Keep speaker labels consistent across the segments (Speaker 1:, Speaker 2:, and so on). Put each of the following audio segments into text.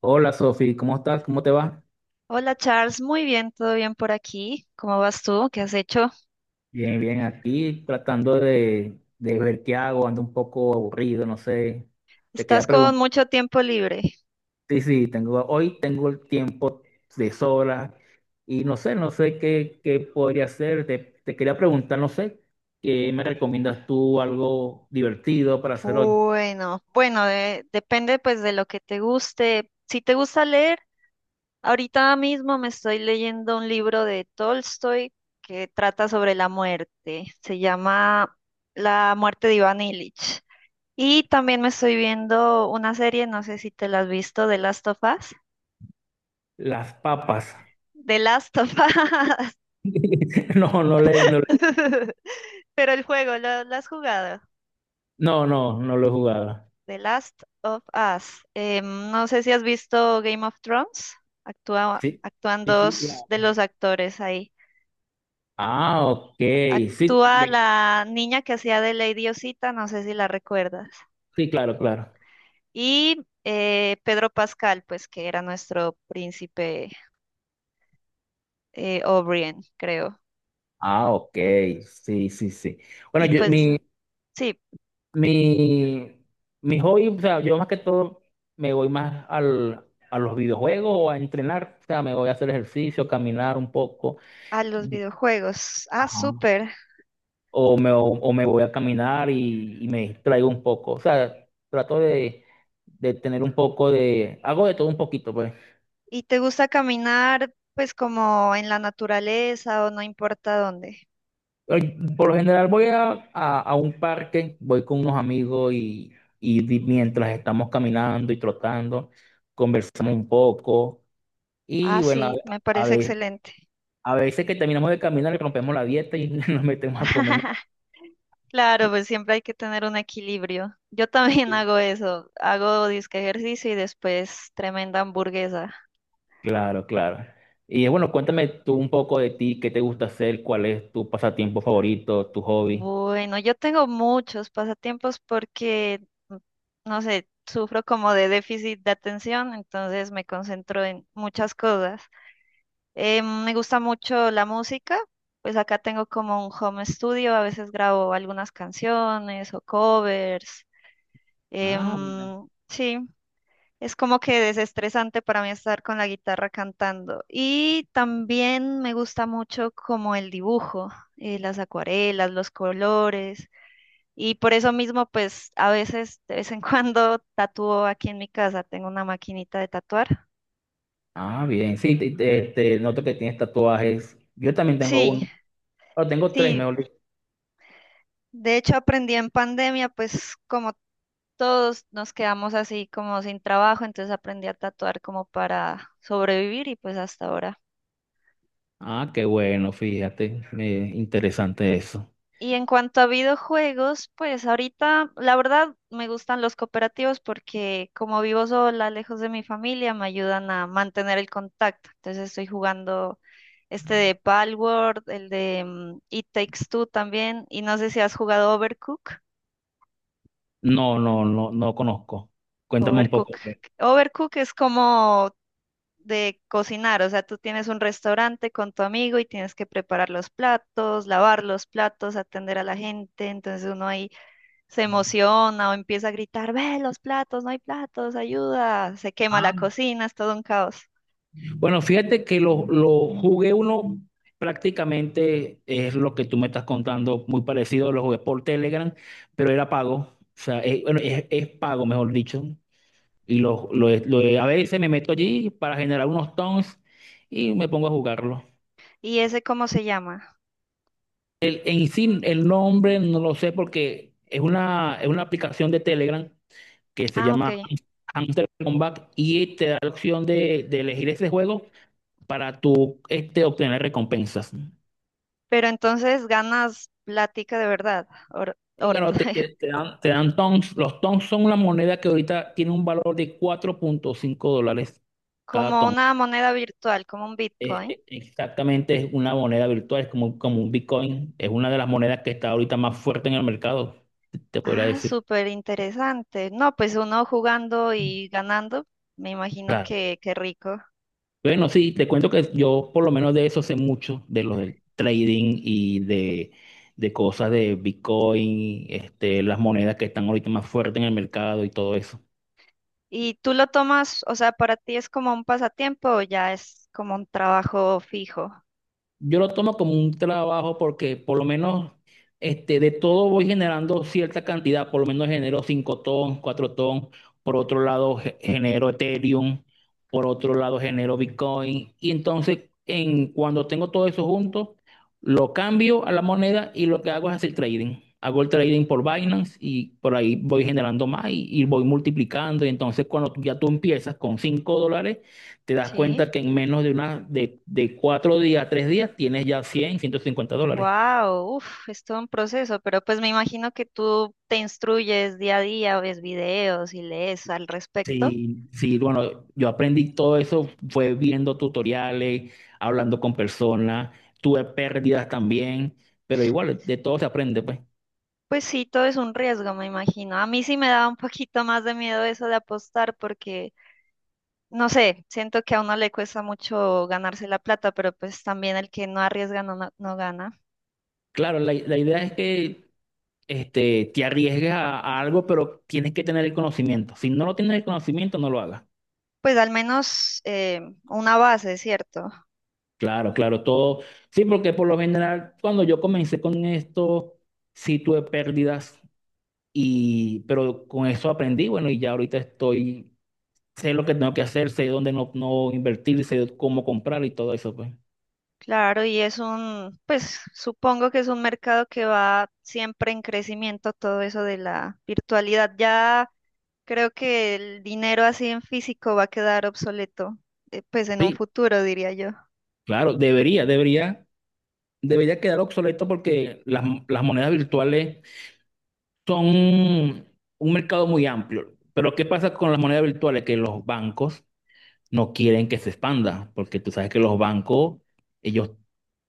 Speaker 1: Hola Sofi, ¿cómo estás? ¿Cómo te va?
Speaker 2: Hola Charles, muy bien, todo bien por aquí. ¿Cómo vas tú? ¿Qué has hecho?
Speaker 1: Bien, bien, aquí tratando de ver qué hago, ando un poco aburrido, no sé. Te quería
Speaker 2: Estás con
Speaker 1: preguntar,
Speaker 2: mucho tiempo libre.
Speaker 1: sí, sí, hoy tengo el tiempo de sobra y no sé, no sé qué podría hacer. Te quería preguntar, no sé, ¿qué me recomiendas tú algo divertido para hacer hoy?
Speaker 2: Bueno, depende pues de lo que te guste. Si te gusta leer, ahorita mismo me estoy leyendo un libro de Tolstoy que trata sobre la muerte. Se llama La muerte de Iván Ilich. Y también me estoy viendo una serie, no sé si te la has visto, de Last of Us.
Speaker 1: Las papas.
Speaker 2: The Last of Us.
Speaker 1: No, no le, no, le-
Speaker 2: Pero el juego, ¿lo has jugado?
Speaker 1: no, no, no lo he jugado.
Speaker 2: The Last of Us. No sé si has visto Game of Thrones. Actúa,
Speaker 1: Sí,
Speaker 2: actúan
Speaker 1: sí, sí,
Speaker 2: dos de
Speaker 1: claro.
Speaker 2: los actores ahí.
Speaker 1: Ah, ok, sí,
Speaker 2: Actúa la niña que hacía de Lady Osita, no sé si la recuerdas.
Speaker 1: sí, claro, claro.
Speaker 2: Y Pedro Pascal, pues que era nuestro príncipe O'Brien, creo.
Speaker 1: Ah, ok, sí, sí, sí. Bueno,
Speaker 2: Y pues sí,
Speaker 1: mi, mi hobby, o sea, yo más que todo me voy más a los videojuegos o a entrenar, o sea, me voy a hacer ejercicio, caminar un poco,
Speaker 2: a los
Speaker 1: di-
Speaker 2: videojuegos. Ah,
Speaker 1: Ajá.
Speaker 2: súper.
Speaker 1: O me voy a caminar y me distraigo un poco, o sea, trato de tener un poco de, hago de todo un poquito, pues.
Speaker 2: ¿Y te gusta caminar pues como en la naturaleza o no importa dónde?
Speaker 1: Ay, por lo general voy a un parque, voy con unos amigos y mientras estamos caminando y trotando, conversamos un poco y
Speaker 2: Ah,
Speaker 1: bueno,
Speaker 2: sí, me
Speaker 1: a
Speaker 2: parece
Speaker 1: ve-
Speaker 2: excelente.
Speaker 1: a veces que terminamos de caminar y rompemos la dieta y nos metemos a comer.
Speaker 2: Claro, pues siempre hay que tener un equilibrio. Yo también hago eso, hago disque ejercicio y después tremenda hamburguesa.
Speaker 1: Claro, claro. Y bueno, cuéntame tú un poco de ti, qué te gusta hacer, cuál es tu pasatiempo favorito, tu hobby.
Speaker 2: Bueno, yo tengo muchos pasatiempos porque, no sé, sufro como de déficit de atención, entonces me concentro en muchas cosas. Me gusta mucho la música, pues acá tengo como un home studio, a veces grabo algunas canciones o covers.
Speaker 1: Ah, mira.
Speaker 2: Sí, es como que desestresante para mí estar con la guitarra cantando. Y también me gusta mucho como el dibujo, las acuarelas, los colores. Y por eso mismo, pues a veces, de vez en cuando, tatúo aquí en mi casa. Tengo una maquinita de tatuar.
Speaker 1: Ah, bien, sí, te noto que tienes tatuajes. Yo también tengo
Speaker 2: Sí,
Speaker 1: uno, pero tengo tres,
Speaker 2: sí.
Speaker 1: mejor.
Speaker 2: De hecho, aprendí en pandemia, pues como todos nos quedamos así como sin trabajo, entonces aprendí a tatuar como para sobrevivir y pues hasta ahora.
Speaker 1: Ah, qué bueno, fíjate, interesante eso.
Speaker 2: Y en cuanto a videojuegos, pues ahorita la verdad me gustan los cooperativos porque como vivo sola, lejos de mi familia, me ayudan a mantener el contacto. Entonces estoy jugando este de Palworld, el de It Takes Two también, y no sé si has jugado Overcook.
Speaker 1: No, no, no, no conozco. Cuéntame un poco.
Speaker 2: Overcook. Overcook es como de cocinar, o sea, tú tienes un restaurante con tu amigo y tienes que preparar los platos, lavar los platos, atender a la gente, entonces uno ahí se emociona o empieza a gritar, ve los platos, no hay platos, ayuda, se quema
Speaker 1: Ah,
Speaker 2: la cocina, es todo un caos.
Speaker 1: bueno, fíjate que lo jugué uno prácticamente es lo que tú me estás contando, muy parecido, lo jugué por Telegram, pero era pago, o sea, bueno, es pago, mejor dicho, a veces me meto allí para generar unos tons y me pongo a jugarlo.
Speaker 2: ¿Y ese cómo se llama?
Speaker 1: En sí, el nombre no lo sé porque es una aplicación de Telegram que se
Speaker 2: Ah,
Speaker 1: llama
Speaker 2: ok.
Speaker 1: Hunter Combat y te da la opción de elegir ese juego para tú obtener recompensas.
Speaker 2: Pero entonces ganas plática de verdad,
Speaker 1: Y claro, te, te- te dan, te dan tons. Los tons son una moneda que ahorita tiene un valor de $4,5 cada
Speaker 2: como
Speaker 1: ton.
Speaker 2: una moneda virtual, como un Bitcoin.
Speaker 1: Exactamente es una moneda virtual, es como un Bitcoin. Es una de las monedas que está ahorita más fuerte en el mercado, te podría
Speaker 2: Ah,
Speaker 1: decir.
Speaker 2: súper interesante. No, pues uno jugando y ganando, me imagino
Speaker 1: Claro.
Speaker 2: que, qué rico.
Speaker 1: Bueno, sí, te cuento que yo por lo menos de eso sé mucho, de lo del trading y de cosas de Bitcoin, las monedas que están ahorita más fuertes en el mercado y todo eso.
Speaker 2: ¿Y tú lo tomas, o sea, para ti es como un pasatiempo o ya es como un trabajo fijo?
Speaker 1: Yo lo tomo como un trabajo porque por lo menos de todo voy generando cierta cantidad, por lo menos genero 5 ton, 4 ton, por otro lado genero Ethereum, por otro lado genero Bitcoin y entonces cuando tengo todo eso junto, lo cambio a la moneda y lo que hago es hacer trading. Hago el trading por Binance y por ahí voy generando más y voy multiplicando y entonces cuando ya tú empiezas con $5, te das
Speaker 2: Sí.
Speaker 1: cuenta que en menos de de 4 días, 3 días, tienes ya $150.
Speaker 2: Wow, uf, es todo un proceso, pero pues me imagino que tú te instruyes día a día, ves videos y lees al respecto.
Speaker 1: Sí, sí, bueno, yo aprendí todo eso, fue viendo tutoriales, hablando con personas, tuve pérdidas también, pero igual, de todo se aprende, pues.
Speaker 2: Pues sí, todo es un riesgo, me imagino. A mí sí me daba un poquito más de miedo eso de apostar porque, no sé, siento que a uno le cuesta mucho ganarse la plata, pero pues también el que no arriesga no gana.
Speaker 1: Claro, la idea es que te arriesgues a algo, pero tienes que tener el conocimiento. Si no lo tienes el conocimiento, no lo hagas.
Speaker 2: Pues al menos una base, ¿cierto?
Speaker 1: Claro, claro, todo. Sí, porque por lo general, cuando yo comencé con esto, sí tuve pérdidas pero con eso aprendí, bueno, y ya ahorita sé lo que tengo que hacer, sé dónde no invertir, sé cómo comprar y todo eso, pues.
Speaker 2: Claro, y es un, pues supongo que es un mercado que va siempre en crecimiento, todo eso de la virtualidad. Ya creo que el dinero así en físico va a quedar obsoleto, pues en un
Speaker 1: Sí,
Speaker 2: futuro, diría yo.
Speaker 1: claro, debería quedar obsoleto porque las monedas virtuales son un mercado muy amplio. Pero ¿qué pasa con las monedas virtuales? Que los bancos no quieren que se expanda, porque tú sabes que los bancos, ellos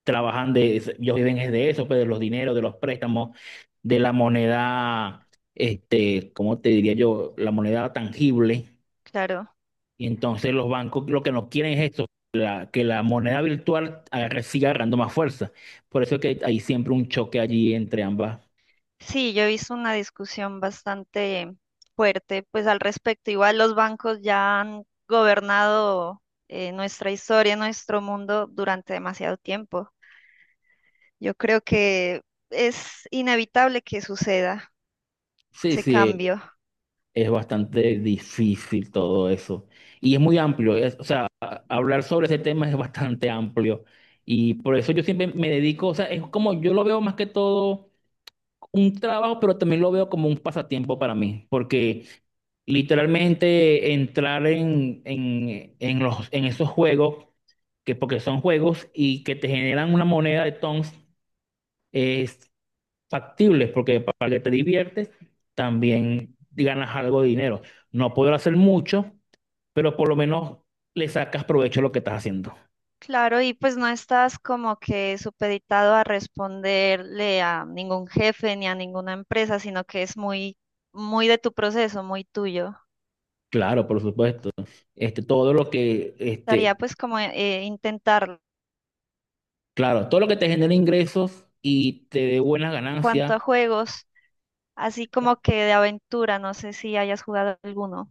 Speaker 1: trabajan ellos viven es de eso, pues de los dineros, de los préstamos, de la moneda, ¿cómo te diría yo? La moneda tangible.
Speaker 2: Claro.
Speaker 1: Y entonces los bancos lo que no quieren es esto, que la moneda virtual siga agarrando más fuerza. Por eso es que hay siempre un choque allí entre ambas.
Speaker 2: Sí, yo he visto una discusión bastante fuerte, pues al respecto. Igual los bancos ya han gobernado nuestra historia, nuestro mundo durante demasiado tiempo. Yo creo que es inevitable que suceda
Speaker 1: Sí,
Speaker 2: ese
Speaker 1: sí,
Speaker 2: cambio.
Speaker 1: es bastante difícil todo eso. Y es muy amplio, o sea, hablar sobre ese tema es bastante amplio. Y por eso yo siempre me dedico, o sea, es como yo lo veo más que todo un trabajo, pero también lo veo como un pasatiempo para mí, porque literalmente entrar en esos juegos, que porque son juegos y que te generan una moneda de tons, es factible, porque para que te diviertes también ganas algo de dinero. No puedo hacer mucho, pero por lo menos le sacas provecho a lo que estás haciendo.
Speaker 2: Claro, y pues no estás como que supeditado a responderle a ningún jefe ni a ninguna empresa, sino que es muy, muy de tu proceso, muy tuyo.
Speaker 1: Claro, por supuesto. Este, todo lo que
Speaker 2: Estaría
Speaker 1: este,
Speaker 2: pues como intentar
Speaker 1: Claro, todo lo que te genera ingresos y te dé buenas
Speaker 2: cuanto
Speaker 1: ganancias.
Speaker 2: a juegos, así como que de aventura, no sé si hayas jugado alguno,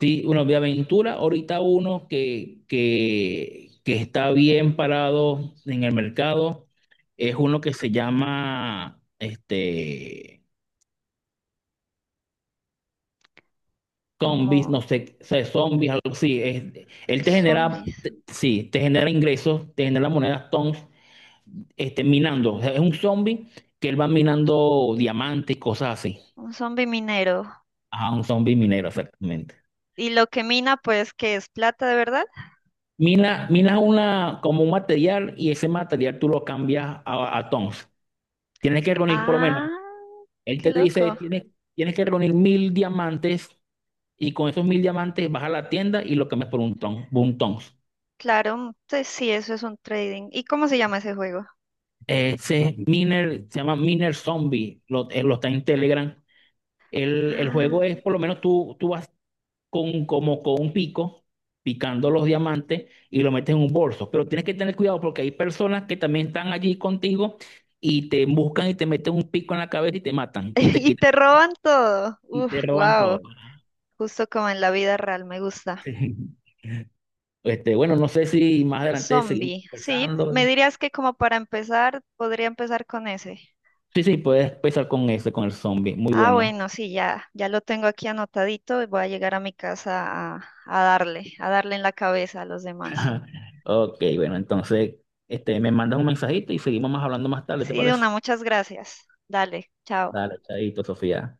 Speaker 1: Sí, bueno, de aventura, ahorita uno que está bien parado en el mercado es uno que se llama Zombies,
Speaker 2: como
Speaker 1: no sé, o sea, Zombies, algo así. Él te genera,
Speaker 2: zombies,
Speaker 1: sí, te genera ingresos, te genera monedas tons, minando. O sea, es un zombie que él va minando diamantes y cosas así.
Speaker 2: un zombie minero.
Speaker 1: Ajá, un zombie minero, exactamente.
Speaker 2: Y lo que mina pues que es plata de verdad.
Speaker 1: Minas una, como un material y ese material tú lo cambias a tons. Tienes que reunir por lo menos,
Speaker 2: Ah,
Speaker 1: él
Speaker 2: qué
Speaker 1: te dice,
Speaker 2: loco.
Speaker 1: tienes que reunir 1.000 diamantes y con esos 1.000 diamantes vas a la tienda y lo cambias por un ton, por un tons.
Speaker 2: Claro, entonces sí, eso es un trading. ¿Y cómo se llama ese juego?
Speaker 1: Se llama Miner Zombie, él lo está en Telegram. El juego
Speaker 2: Ah.
Speaker 1: es, por lo menos tú vas como con un pico, picando los diamantes y lo metes en un bolso. Pero tienes que tener cuidado porque hay personas que también están allí contigo y te buscan y te meten un pico en la cabeza y te matan y te
Speaker 2: Y
Speaker 1: quitan
Speaker 2: te roban todo.
Speaker 1: y
Speaker 2: Uf,
Speaker 1: te roban todo.
Speaker 2: wow. Justo como en la vida real, me gusta.
Speaker 1: Bueno, no sé si más adelante seguimos
Speaker 2: Zombie. Sí, me
Speaker 1: conversando.
Speaker 2: dirías que como para empezar, podría empezar con ese.
Speaker 1: Sí, sí, puedes empezar con ese, con el zombie. Muy
Speaker 2: Ah,
Speaker 1: bueno.
Speaker 2: bueno, sí, ya lo tengo aquí anotadito y voy a llegar a mi casa a darle en la cabeza a los demás.
Speaker 1: Ok, bueno, entonces, me mandas un mensajito y seguimos más hablando más tarde, ¿te
Speaker 2: Sí,
Speaker 1: parece?
Speaker 2: Duna, muchas gracias. Dale, chao.
Speaker 1: Dale, chaito, Sofía.